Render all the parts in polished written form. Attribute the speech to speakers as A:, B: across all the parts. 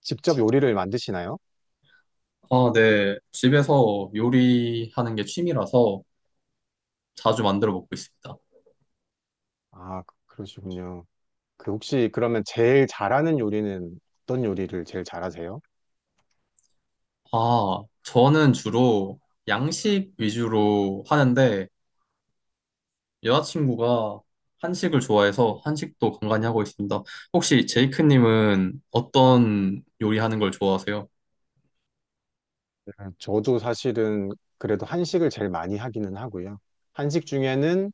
A: 직접 요리를 만드시나요?
B: 아, 네. 집에서 요리하는 게 취미라서 자주 만들어 먹고 있습니다.
A: 아, 그러시군요. 그 혹시 그러면 제일 잘하는 요리는 어떤 요리를 제일 잘하세요?
B: 아, 저는 주로 양식 위주로 하는데 여자친구가 한식을 좋아해서
A: 네.
B: 한식도 간간히 하고 있습니다. 혹시 제이크님은 어떤 요리하는 걸 좋아하세요?
A: 저도 사실은 그래도 한식을 제일 많이 하기는 하고요. 한식 중에는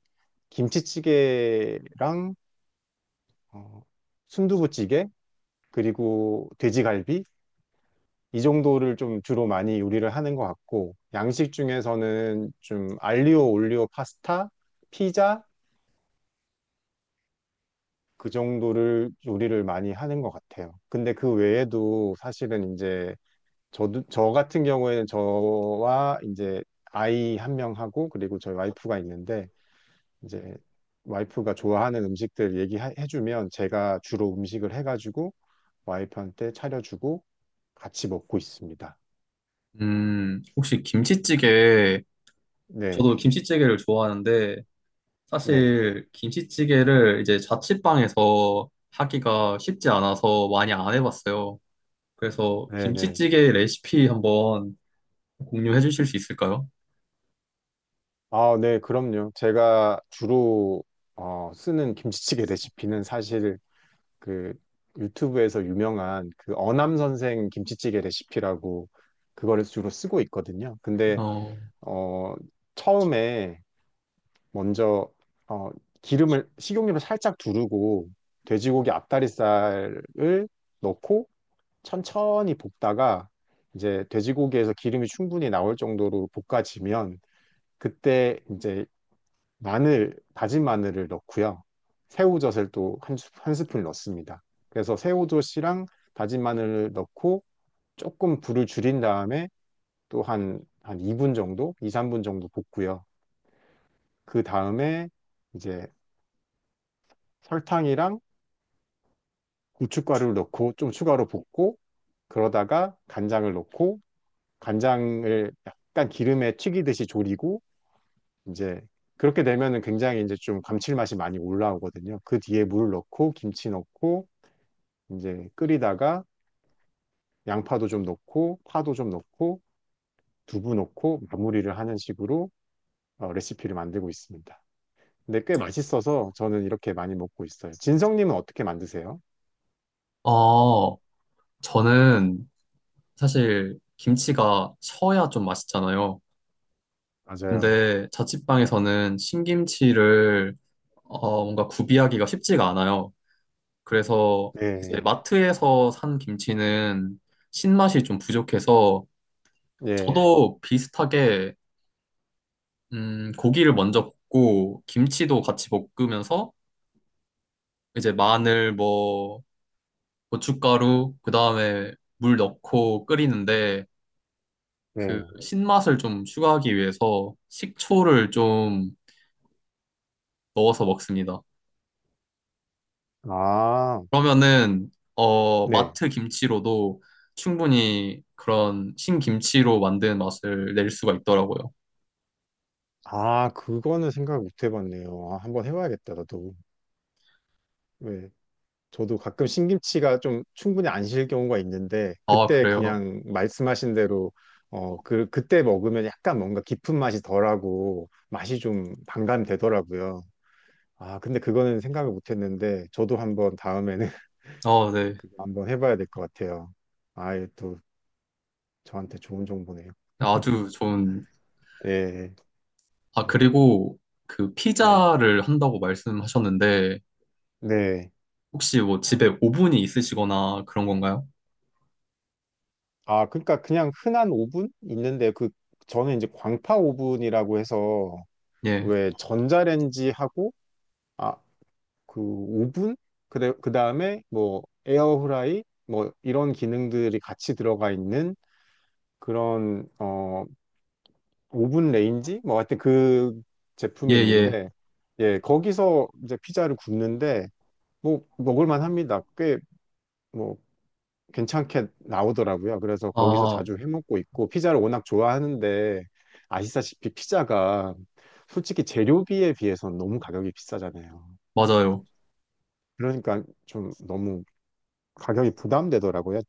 A: 김치찌개랑 어, 순두부찌개 그리고 돼지갈비 이 정도를 좀 주로 많이 요리를 하는 것 같고 양식 중에서는 좀 알리오 올리오 파스타, 피자 그 정도를 요리를 많이 하는 것 같아요. 근데 그 외에도 사실은 이제 저도 저 같은 경우에는 저와 이제 아이 한 명하고 그리고 저희 와이프가 있는데 이제 와이프가 좋아하는 음식들 얘기해주면 제가 주로 음식을 해가지고 와이프한테 차려주고 같이 먹고 있습니다.
B: 혹시 김치찌개,
A: 네,
B: 저도 김치찌개를 좋아하는데
A: 네,
B: 사실 김치찌개를 이제 자취방에서 하기가 쉽지 않아서 많이 안 해봤어요. 그래서
A: 네, 네.
B: 김치찌개 레시피 한번 공유해 주실 수 있을까요?
A: 아, 네, 그럼요. 제가 주로 쓰는 김치찌개 레시피는 사실 그 유튜브에서 유명한 그 어남 선생 김치찌개 레시피라고 그거를 주로 쓰고 있거든요. 근데
B: 어,
A: 어 처음에 먼저 어 기름을 식용유를 살짝 두르고 돼지고기 앞다리살을 넣고 천천히 볶다가 이제 돼지고기에서 기름이 충분히 나올 정도로 볶아지면 그때 이제 다진 마늘을 넣고요. 새우젓을 또 한 스푼 넣습니다. 그래서 새우젓이랑 다진 마늘을 넣고 조금 불을 줄인 다음에 또 한 2분 정도, 2, 3분 정도 볶고요. 그 다음에 이제 설탕이랑 고춧가루를 넣고 좀 추가로 볶고 그러다가 간장을 넣고 간장을 약간 기름에 튀기듯이 졸이고 이제 그렇게 되면은 굉장히 이제 좀 감칠맛이 많이 올라오거든요. 그 뒤에 물을 넣고 김치 넣고 이제 끓이다가 양파도 좀 넣고 파도 좀 넣고 두부 넣고 마무리를 하는 식으로 레시피를 만들고 있습니다. 근데 꽤 맛있어서 저는 이렇게 많이 먹고 있어요. 진성님은 어떻게 만드세요?
B: 아, 저는 사실 김치가 셔야 좀 맛있잖아요.
A: 맞아요.
B: 근데 자취방에서는 신김치를 뭔가 구비하기가 쉽지가 않아요. 그래서 이제
A: 네,
B: 마트에서 산 김치는 신맛이 좀 부족해서
A: 네,
B: 저도 비슷하게 고기를 먼저 볶고 김치도 같이 볶으면서 이제 마늘 뭐 고춧가루, 그 다음에 물 넣고 끓이는데 그
A: 네.
B: 신맛을 좀 추가하기 위해서 식초를 좀 넣어서 먹습니다.
A: 아,
B: 그러면은
A: 네.
B: 마트 김치로도 충분히 그런 신김치로 만든 맛을 낼 수가 있더라고요.
A: 아, 그거는 생각 못 해봤네요. 아, 한번 해봐야겠다, 나도. 네. 저도 가끔 신김치가 좀 충분히 안 실 경우가 있는데
B: 아,
A: 그때
B: 그래요?
A: 그냥 말씀하신 대로 그때 먹으면 약간 뭔가 깊은 맛이 덜하고 맛이 좀 반감되더라고요. 아, 근데 그거는 생각을 못 했는데 저도 한번 다음에는
B: 아, 네.
A: 그거 한번 해봐야 될 것 같아요. 아, 이또 저한테 좋은 정보네요.
B: 아주 좋은.
A: 네,
B: 아,
A: 네,
B: 그리고 그
A: 네.
B: 피자를 한다고 말씀하셨는데
A: 네.
B: 혹시 뭐 집에 오븐이 있으시거나 그런 건가요?
A: 아, 그러니까 그냥 흔한 오븐 있는데 그 저는 이제 광파 오븐이라고 해서
B: 예.
A: 왜 전자레인지하고 아, 그 오븐? 그래, 그 다음에 뭐 에어프라이? 뭐 이런 기능들이 같이 들어가 있는 그런 오븐 레인지? 뭐 하여튼 그
B: 예,
A: 제품이
B: 예.
A: 있는데 예, 거기서 이제 피자를 굽는데 뭐 먹을 만합니다. 꽤 뭐 괜찮게 나오더라고요. 그래서 거기서
B: 아,
A: 자주 해 먹고 있고 피자를 워낙 좋아하는데 아시다시피 피자가 솔직히 재료비에 비해서는 너무 가격이 비싸잖아요.
B: 맞아요.
A: 그러니까 좀 너무 가격이 부담되더라고요.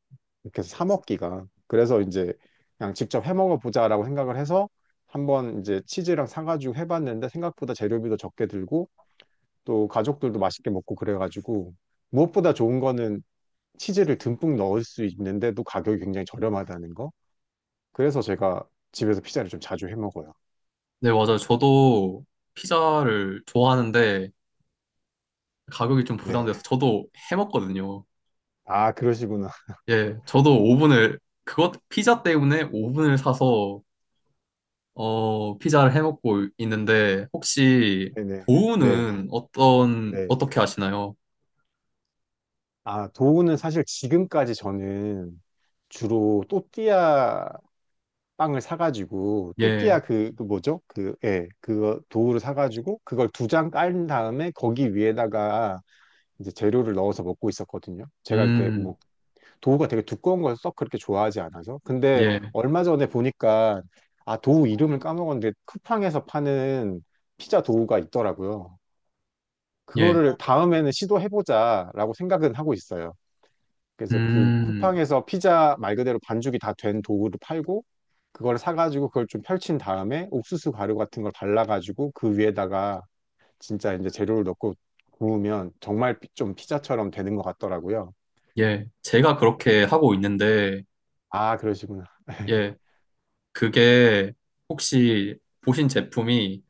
A: 이렇게 해서 사 먹기가. 그래서 이제 그냥 직접 해 먹어보자라고 생각을 해서 한번 이제 치즈랑 사가지고 해봤는데 생각보다 재료비도 적게 들고 또 가족들도 맛있게 먹고 그래가지고 무엇보다 좋은 거는 치즈를 듬뿍 넣을 수 있는데도 가격이 굉장히 저렴하다는 거. 그래서 제가 집에서 피자를 좀 자주 해 먹어요.
B: 네, 맞아요. 저도 피자를 좋아하는데 가격이 좀
A: 네.
B: 부담돼서 저도 해 먹거든요.
A: 아, 그러시구나.
B: 예, 저도 오븐을 그것 피자 때문에 오븐을 사서 피자를 해 먹고 있는데 혹시
A: 네네. 네.
B: 보우는 어떤
A: 네.
B: 어떻게 하시나요?
A: 아, 도우는 사실 지금까지 저는 주로 또띠아 빵을 사가지고 또띠아
B: 예,
A: 그 뭐죠? 그, 예, 그거 도우를 사가지고 그걸 두 장 깔은 다음에 거기 위에다가 이제 재료를 넣어서 먹고 있었거든요. 제가 이렇게
B: 음,
A: 뭐 도우가 되게 두꺼운 걸 썩 그렇게 좋아하지 않아서. 근데
B: 예,
A: 얼마 전에 보니까 아, 도우 이름을 까먹었는데 쿠팡에서 파는 피자 도우가 있더라고요.
B: 예,
A: 그거를 다음에는 시도해보자라고 생각은 하고 있어요. 그래서 그
B: 음,
A: 쿠팡에서 피자 말 그대로 반죽이 다 된 도구를 팔고 그걸 사가지고 그걸 좀 펼친 다음에 옥수수 가루 같은 걸 발라가지고 그 위에다가 진짜 이제 재료를 넣고 구우면 정말 좀 피자처럼 되는 것 같더라고요.
B: 예. 제가
A: 네.
B: 그렇게 하고 있는데
A: 아, 그러시구나.
B: 예, 그게 혹시 보신 제품이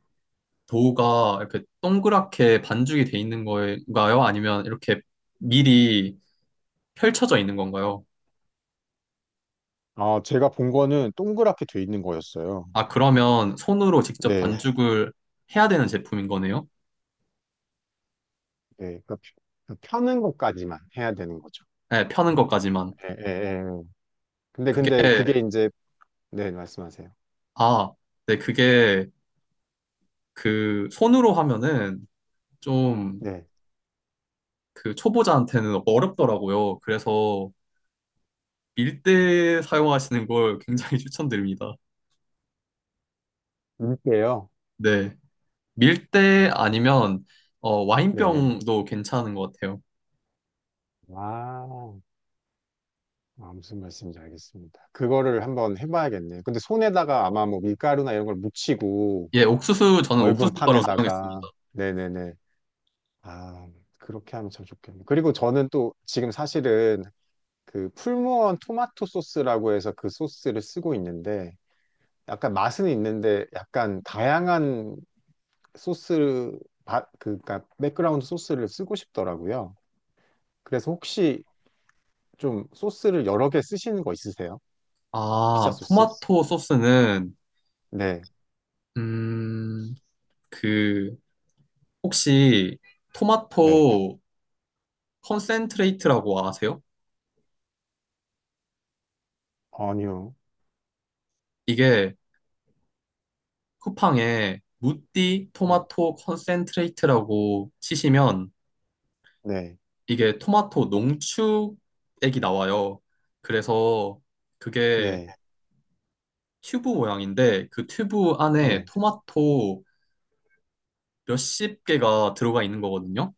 B: 도우가 이렇게 동그랗게 반죽이 돼 있는 건가요? 아니면 이렇게 미리 펼쳐져 있는 건가요?
A: 아, 제가 본 거는 동그랗게 돼 있는 거였어요.
B: 아, 그러면 손으로 직접 네.
A: 네,
B: 반죽을 해야 되는 제품인 거네요?
A: 네. 그러니까 펴는 것까지만 해야 되는 거죠.
B: 네, 펴는 것까지만.
A: 예, 예, 예. 근데,
B: 그게,
A: 근데 그게 이제, 네, 말씀하세요.
B: 아, 네, 그게 그 손으로 하면은 좀
A: 네.
B: 그 초보자한테는 어렵더라고요. 그래서 밀대 사용하시는 걸 굉장히 추천드립니다.
A: 밀게요.
B: 네. 밀대 아니면
A: 네네네.
B: 와인병도 괜찮은 것 같아요.
A: 와. 아, 무슨 말씀인지 알겠습니다. 그거를 한번 해봐야겠네요. 근데 손에다가 아마 뭐 밀가루나 이런 걸 묻히고
B: 예, 옥수수, 저는
A: 넓은
B: 옥수수 바로
A: 판에다가
B: 사용했습니다.
A: 네네네. 아, 그렇게 하면 참 좋겠네요. 그리고 저는 또 지금 사실은 그 풀무원 토마토 소스라고 해서 그 소스를 쓰고 있는데 약간 맛은 있는데 약간 다양한 소스, 그니까 백그라운드 소스를 쓰고 싶더라고요. 그래서 혹시 좀 소스를 여러 개 쓰시는 거 있으세요? 피자
B: 아,
A: 소스?
B: 토마토 소스는,
A: 네.
B: 음, 그, 혹시
A: 네.
B: 토마토 컨센트레이트라고 아세요?
A: 아니요.
B: 이게 쿠팡에 무띠
A: 네,
B: 토마토 컨센트레이트라고 치시면
A: 네,
B: 이게 토마토 농축액이 나와요. 그래서 그게
A: 네,
B: 튜브 모양인데 그 튜브 안에
A: 네.
B: 토마토 몇십 개가 들어가 있는 거거든요.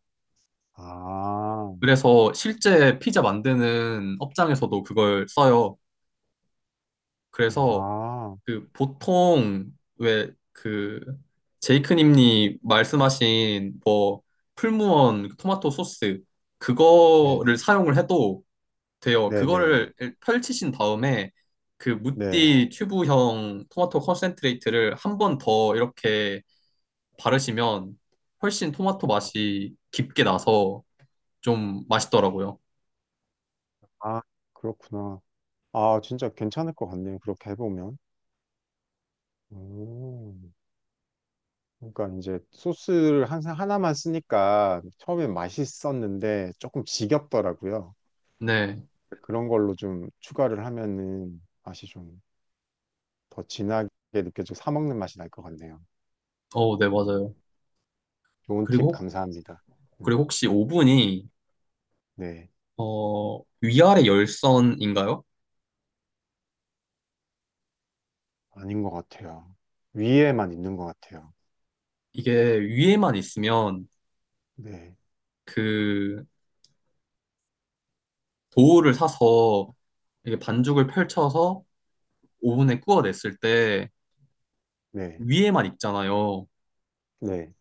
A: 아,
B: 그래서 실제 피자 만드는 업장에서도 그걸 써요. 그래서
A: 아,
B: 그 보통 왜 그 제이크님이 말씀하신 뭐 풀무원 그 토마토 소스 그거를
A: 네네,
B: 사용을 해도 돼요.
A: 네네네,
B: 그거를 펼치신 다음에 그
A: 네.
B: 무띠 튜브형 토마토 컨센트레이트를 한 번 더 이렇게 바르시면 훨씬 토마토 맛이 깊게 나서 좀 맛있더라고요.
A: 아, 그렇구나. 아, 진짜 괜찮을 것 같네요. 그렇게 해보면. 오, 그러니까 이제 소스를 항상 하나만 쓰니까 처음엔 맛있었는데 조금 지겹더라고요.
B: 네.
A: 그런 걸로 좀 추가를 하면은 맛이 좀 더 진하게 느껴지고 사 먹는 맛이 날 것 같네요.
B: 어, 네,
A: 음,
B: 맞아요.
A: 좋은 팁
B: 그리고,
A: 감사합니다.
B: 그리고
A: 음,
B: 혹시 오븐이,
A: 네.
B: 어, 위아래 열선인가요?
A: 아닌 것 같아요. 위에만 있는 것 같아요.
B: 이게 위에만 있으면
A: 네,
B: 그 도우를 사서 이게 반죽을 펼쳐서 오븐에 구워냈을 때
A: 네,
B: 위에만 있잖아요.
A: 네.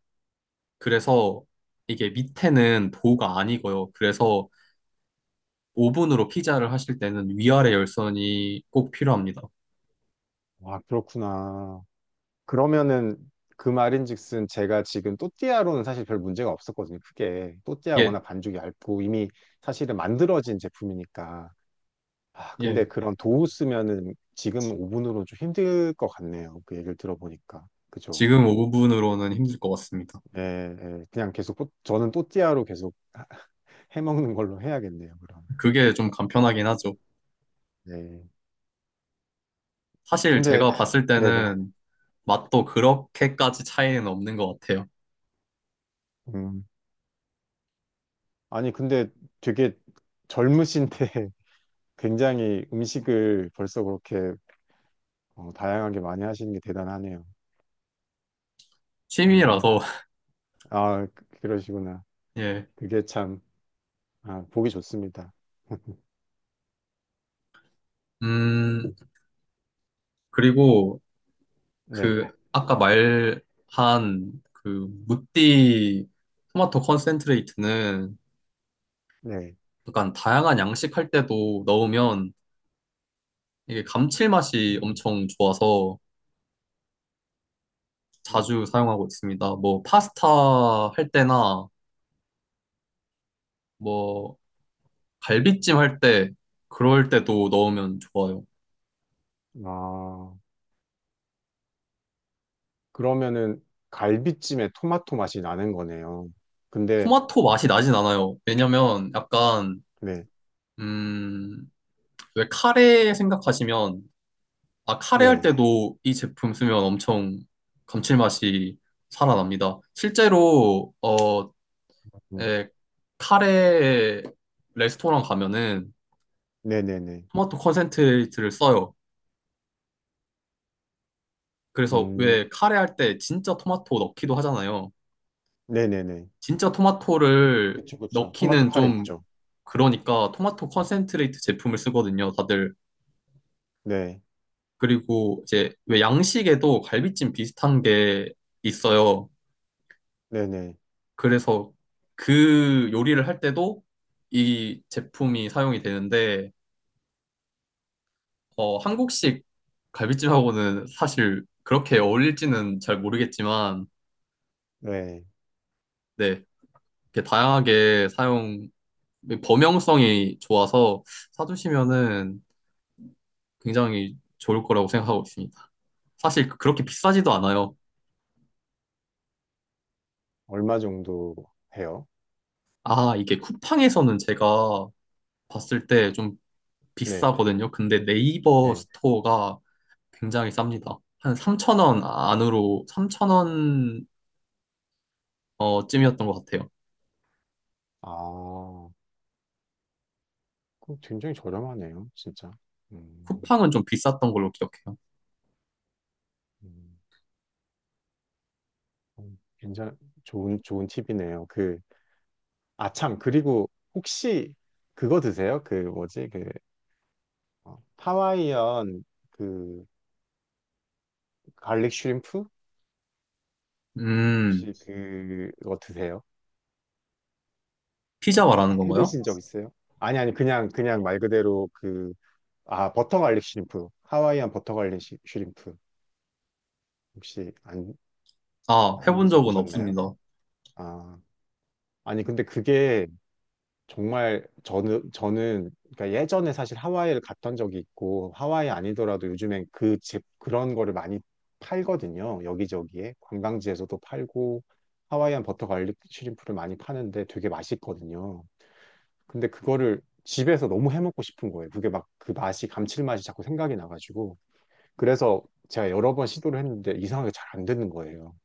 B: 그래서 이게 밑에는 도우가 아니고요. 그래서 오븐으로 피자를 하실 때는 위아래 열선이 꼭 필요합니다.
A: 와 그렇구나. 그러면은 그 말인즉슨 제가 지금 또띠아로는 사실 별 문제가 없었거든요. 크게 또띠아
B: 예,
A: 워낙 반죽이 얇고 이미 사실은 만들어진 제품이니까. 아, 근데
B: 예.
A: 그런 도우 쓰면은 지금 오븐으로 좀 힘들 것 같네요. 그 얘기를 들어보니까. 그죠?
B: 지금 오븐으로는 힘들 것 같습니다.
A: 네, 네. 그냥 계속 저는 또띠아로 계속 해먹는 걸로 해야겠네요. 그러면.
B: 그게 좀 간편하긴 하죠.
A: 네.
B: 사실
A: 근데
B: 제가 봤을
A: 네네.
B: 때는 맛도 그렇게까지 차이는 없는 것 같아요.
A: 음. 아니, 근데 되게 젊으신데 굉장히 음식을 벌써 그렇게 다양하게 많이 하시는 게 대단하네요. 원래.
B: 취미라서,
A: 아, 그러시구나.
B: 예.
A: 그게 참, 아, 보기 좋습니다.
B: 음, 그리고
A: 네,
B: 그, 아까 말한 그, 무띠 토마토 컨센트레이트는
A: 네.
B: 약간 다양한 양식할 때도 넣으면 이게 감칠맛이
A: 음,
B: 엄청 좋아서
A: 음.
B: 자주 사용하고 있습니다. 뭐, 파스타 할 때나 뭐, 갈비찜 할 때, 그럴 때도 넣으면 좋아요.
A: 아, 그러면은 갈비찜에 토마토 맛이 나는 거네요. 근데,
B: 토마토 맛이 나진 않아요. 왜냐면 약간
A: 네,
B: 음, 왜 카레 생각하시면, 아, 카레 할
A: 네.
B: 때도 이 제품 쓰면 엄청 감칠맛이 살아납니다. 실제로, 어,
A: 음,
B: 예, 카레 레스토랑 가면은
A: 네네네.
B: 토마토 컨센트레이트를 써요. 그래서
A: 음,
B: 왜 카레 할 때 진짜 토마토 넣기도 하잖아요.
A: 네네 네.
B: 진짜 토마토를
A: 그쵸, 그쵸. 토마토
B: 넣기는
A: 카레
B: 좀
A: 있죠.
B: 그러니까 토마토 컨센트레이트 제품을 쓰거든요, 다들.
A: 네,
B: 그리고 이제 왜 양식에도 갈비찜 비슷한 게 있어요.
A: 네 네.
B: 그래서 그 요리를 할 때도 이 제품이 사용이 되는데, 어, 한국식 갈비찜하고는 사실 그렇게 어울릴지는 잘 모르겠지만,
A: 네.
B: 네, 이렇게 다양하게 사용, 범용성이 좋아서 사두시면은 굉장히 좋을 거라고 생각하고 있습니다. 사실 그렇게 비싸지도
A: 아.
B: 않아요.
A: 얼마 정도 해요?
B: 아, 이게 쿠팡에서는 제가 봤을 때 좀
A: 네,
B: 비싸거든요. 근데 네이버
A: 네.
B: 스토어가 굉장히 쌉니다. 한 3,000원 안으로, 3,000원 쯤이었던 것 같아요.
A: 아, 그럼 굉장히 저렴하네요, 진짜. 음,
B: 쿠팡은 좀 비쌌던 걸로 기억해요.
A: 음, 음, 괜찮, 좋은 팁이네요. 그, 아, 참, 그리고 혹시 그거 드세요? 그, 뭐지, 그, 하와이안 그, 갈릭 슈림프?
B: 음,
A: 혹시 그거 드세요? 해,
B: 피자
A: 해-
B: 말하는
A: 해
B: 건가요?
A: 드신 적 있어요? 아니, 아니, 그냥 말 그대로 그, 아, 버터 갈릭 슈림프. 하와이안 버터 갈릭 슈림프. 혹시 안,
B: 아,
A: 안
B: 해본 적은
A: 드셔보셨나요?
B: 없습니다.
A: 아, 아니, 근데 그게 정말 저는 그러니까 예전에 사실 하와이를 갔던 적이 있고, 하와이 아니더라도 요즘엔 그런 거를 많이 팔거든요. 여기저기에. 관광지에서도 팔고, 하와이안 버터 갈릭 슈림프를 많이 파는데 되게 맛있거든요. 근데 그거를 집에서 너무 해먹고 싶은 거예요. 그게 막 그 맛이, 감칠맛이 자꾸 생각이 나가지고. 그래서 제가 여러 번 시도를 했는데 이상하게 잘 안 되는 거예요.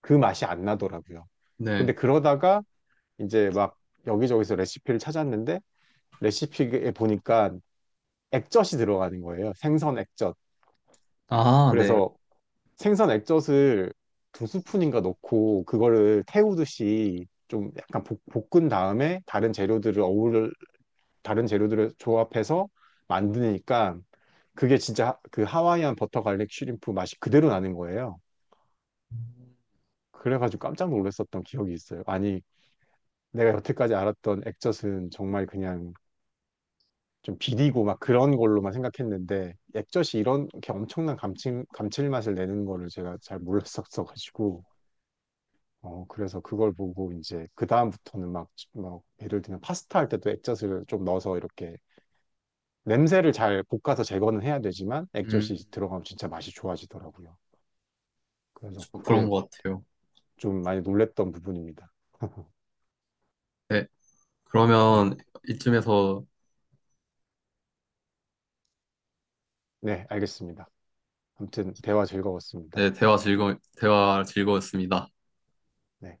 A: 그 맛이 안 나더라고요.
B: 네.
A: 근데 그러다가 이제 막 여기저기서 레시피를 찾았는데 레시피에 보니까 액젓이 들어가는 거예요. 생선 액젓.
B: 아, 네.
A: 그래서 생선 액젓을 두 스푼인가 넣고 그거를 태우듯이 좀 약간 볶, 은 다음에 다른 재료들을 어울 다른 재료들을 조합해서 만드니까 그게 진짜 그 하와이안 버터 갈릭 슈림프 맛이 그대로 나는 거예요. 그래가지고 깜짝 놀랐었던 기억이 있어요. 아니 내가 여태까지 알았던 액젓은 정말 그냥 좀 비리고 막 그런 걸로만 생각했는데 액젓이 이런 게 엄청난 감칠맛을 내는 거를 제가 잘 몰랐었어가지고 그래서 그걸 보고 이제 그 다음부터는 막 예를 들면 파스타 할 때도 액젓을 좀 넣어서 이렇게 냄새를 잘 볶아서 제거는 해야 되지만 액젓이
B: 음,
A: 들어가면 진짜 맛이 좋아지더라고요. 그래서
B: 저 그런
A: 그게
B: 것 같아요.
A: 좀 많이 놀랬던 부분입니다.
B: 네.
A: 예.
B: 그러면 이쯤에서
A: 네, 알겠습니다. 아무튼 대화 즐거웠습니다.
B: 네, 대화 즐거웠습니다.
A: 네.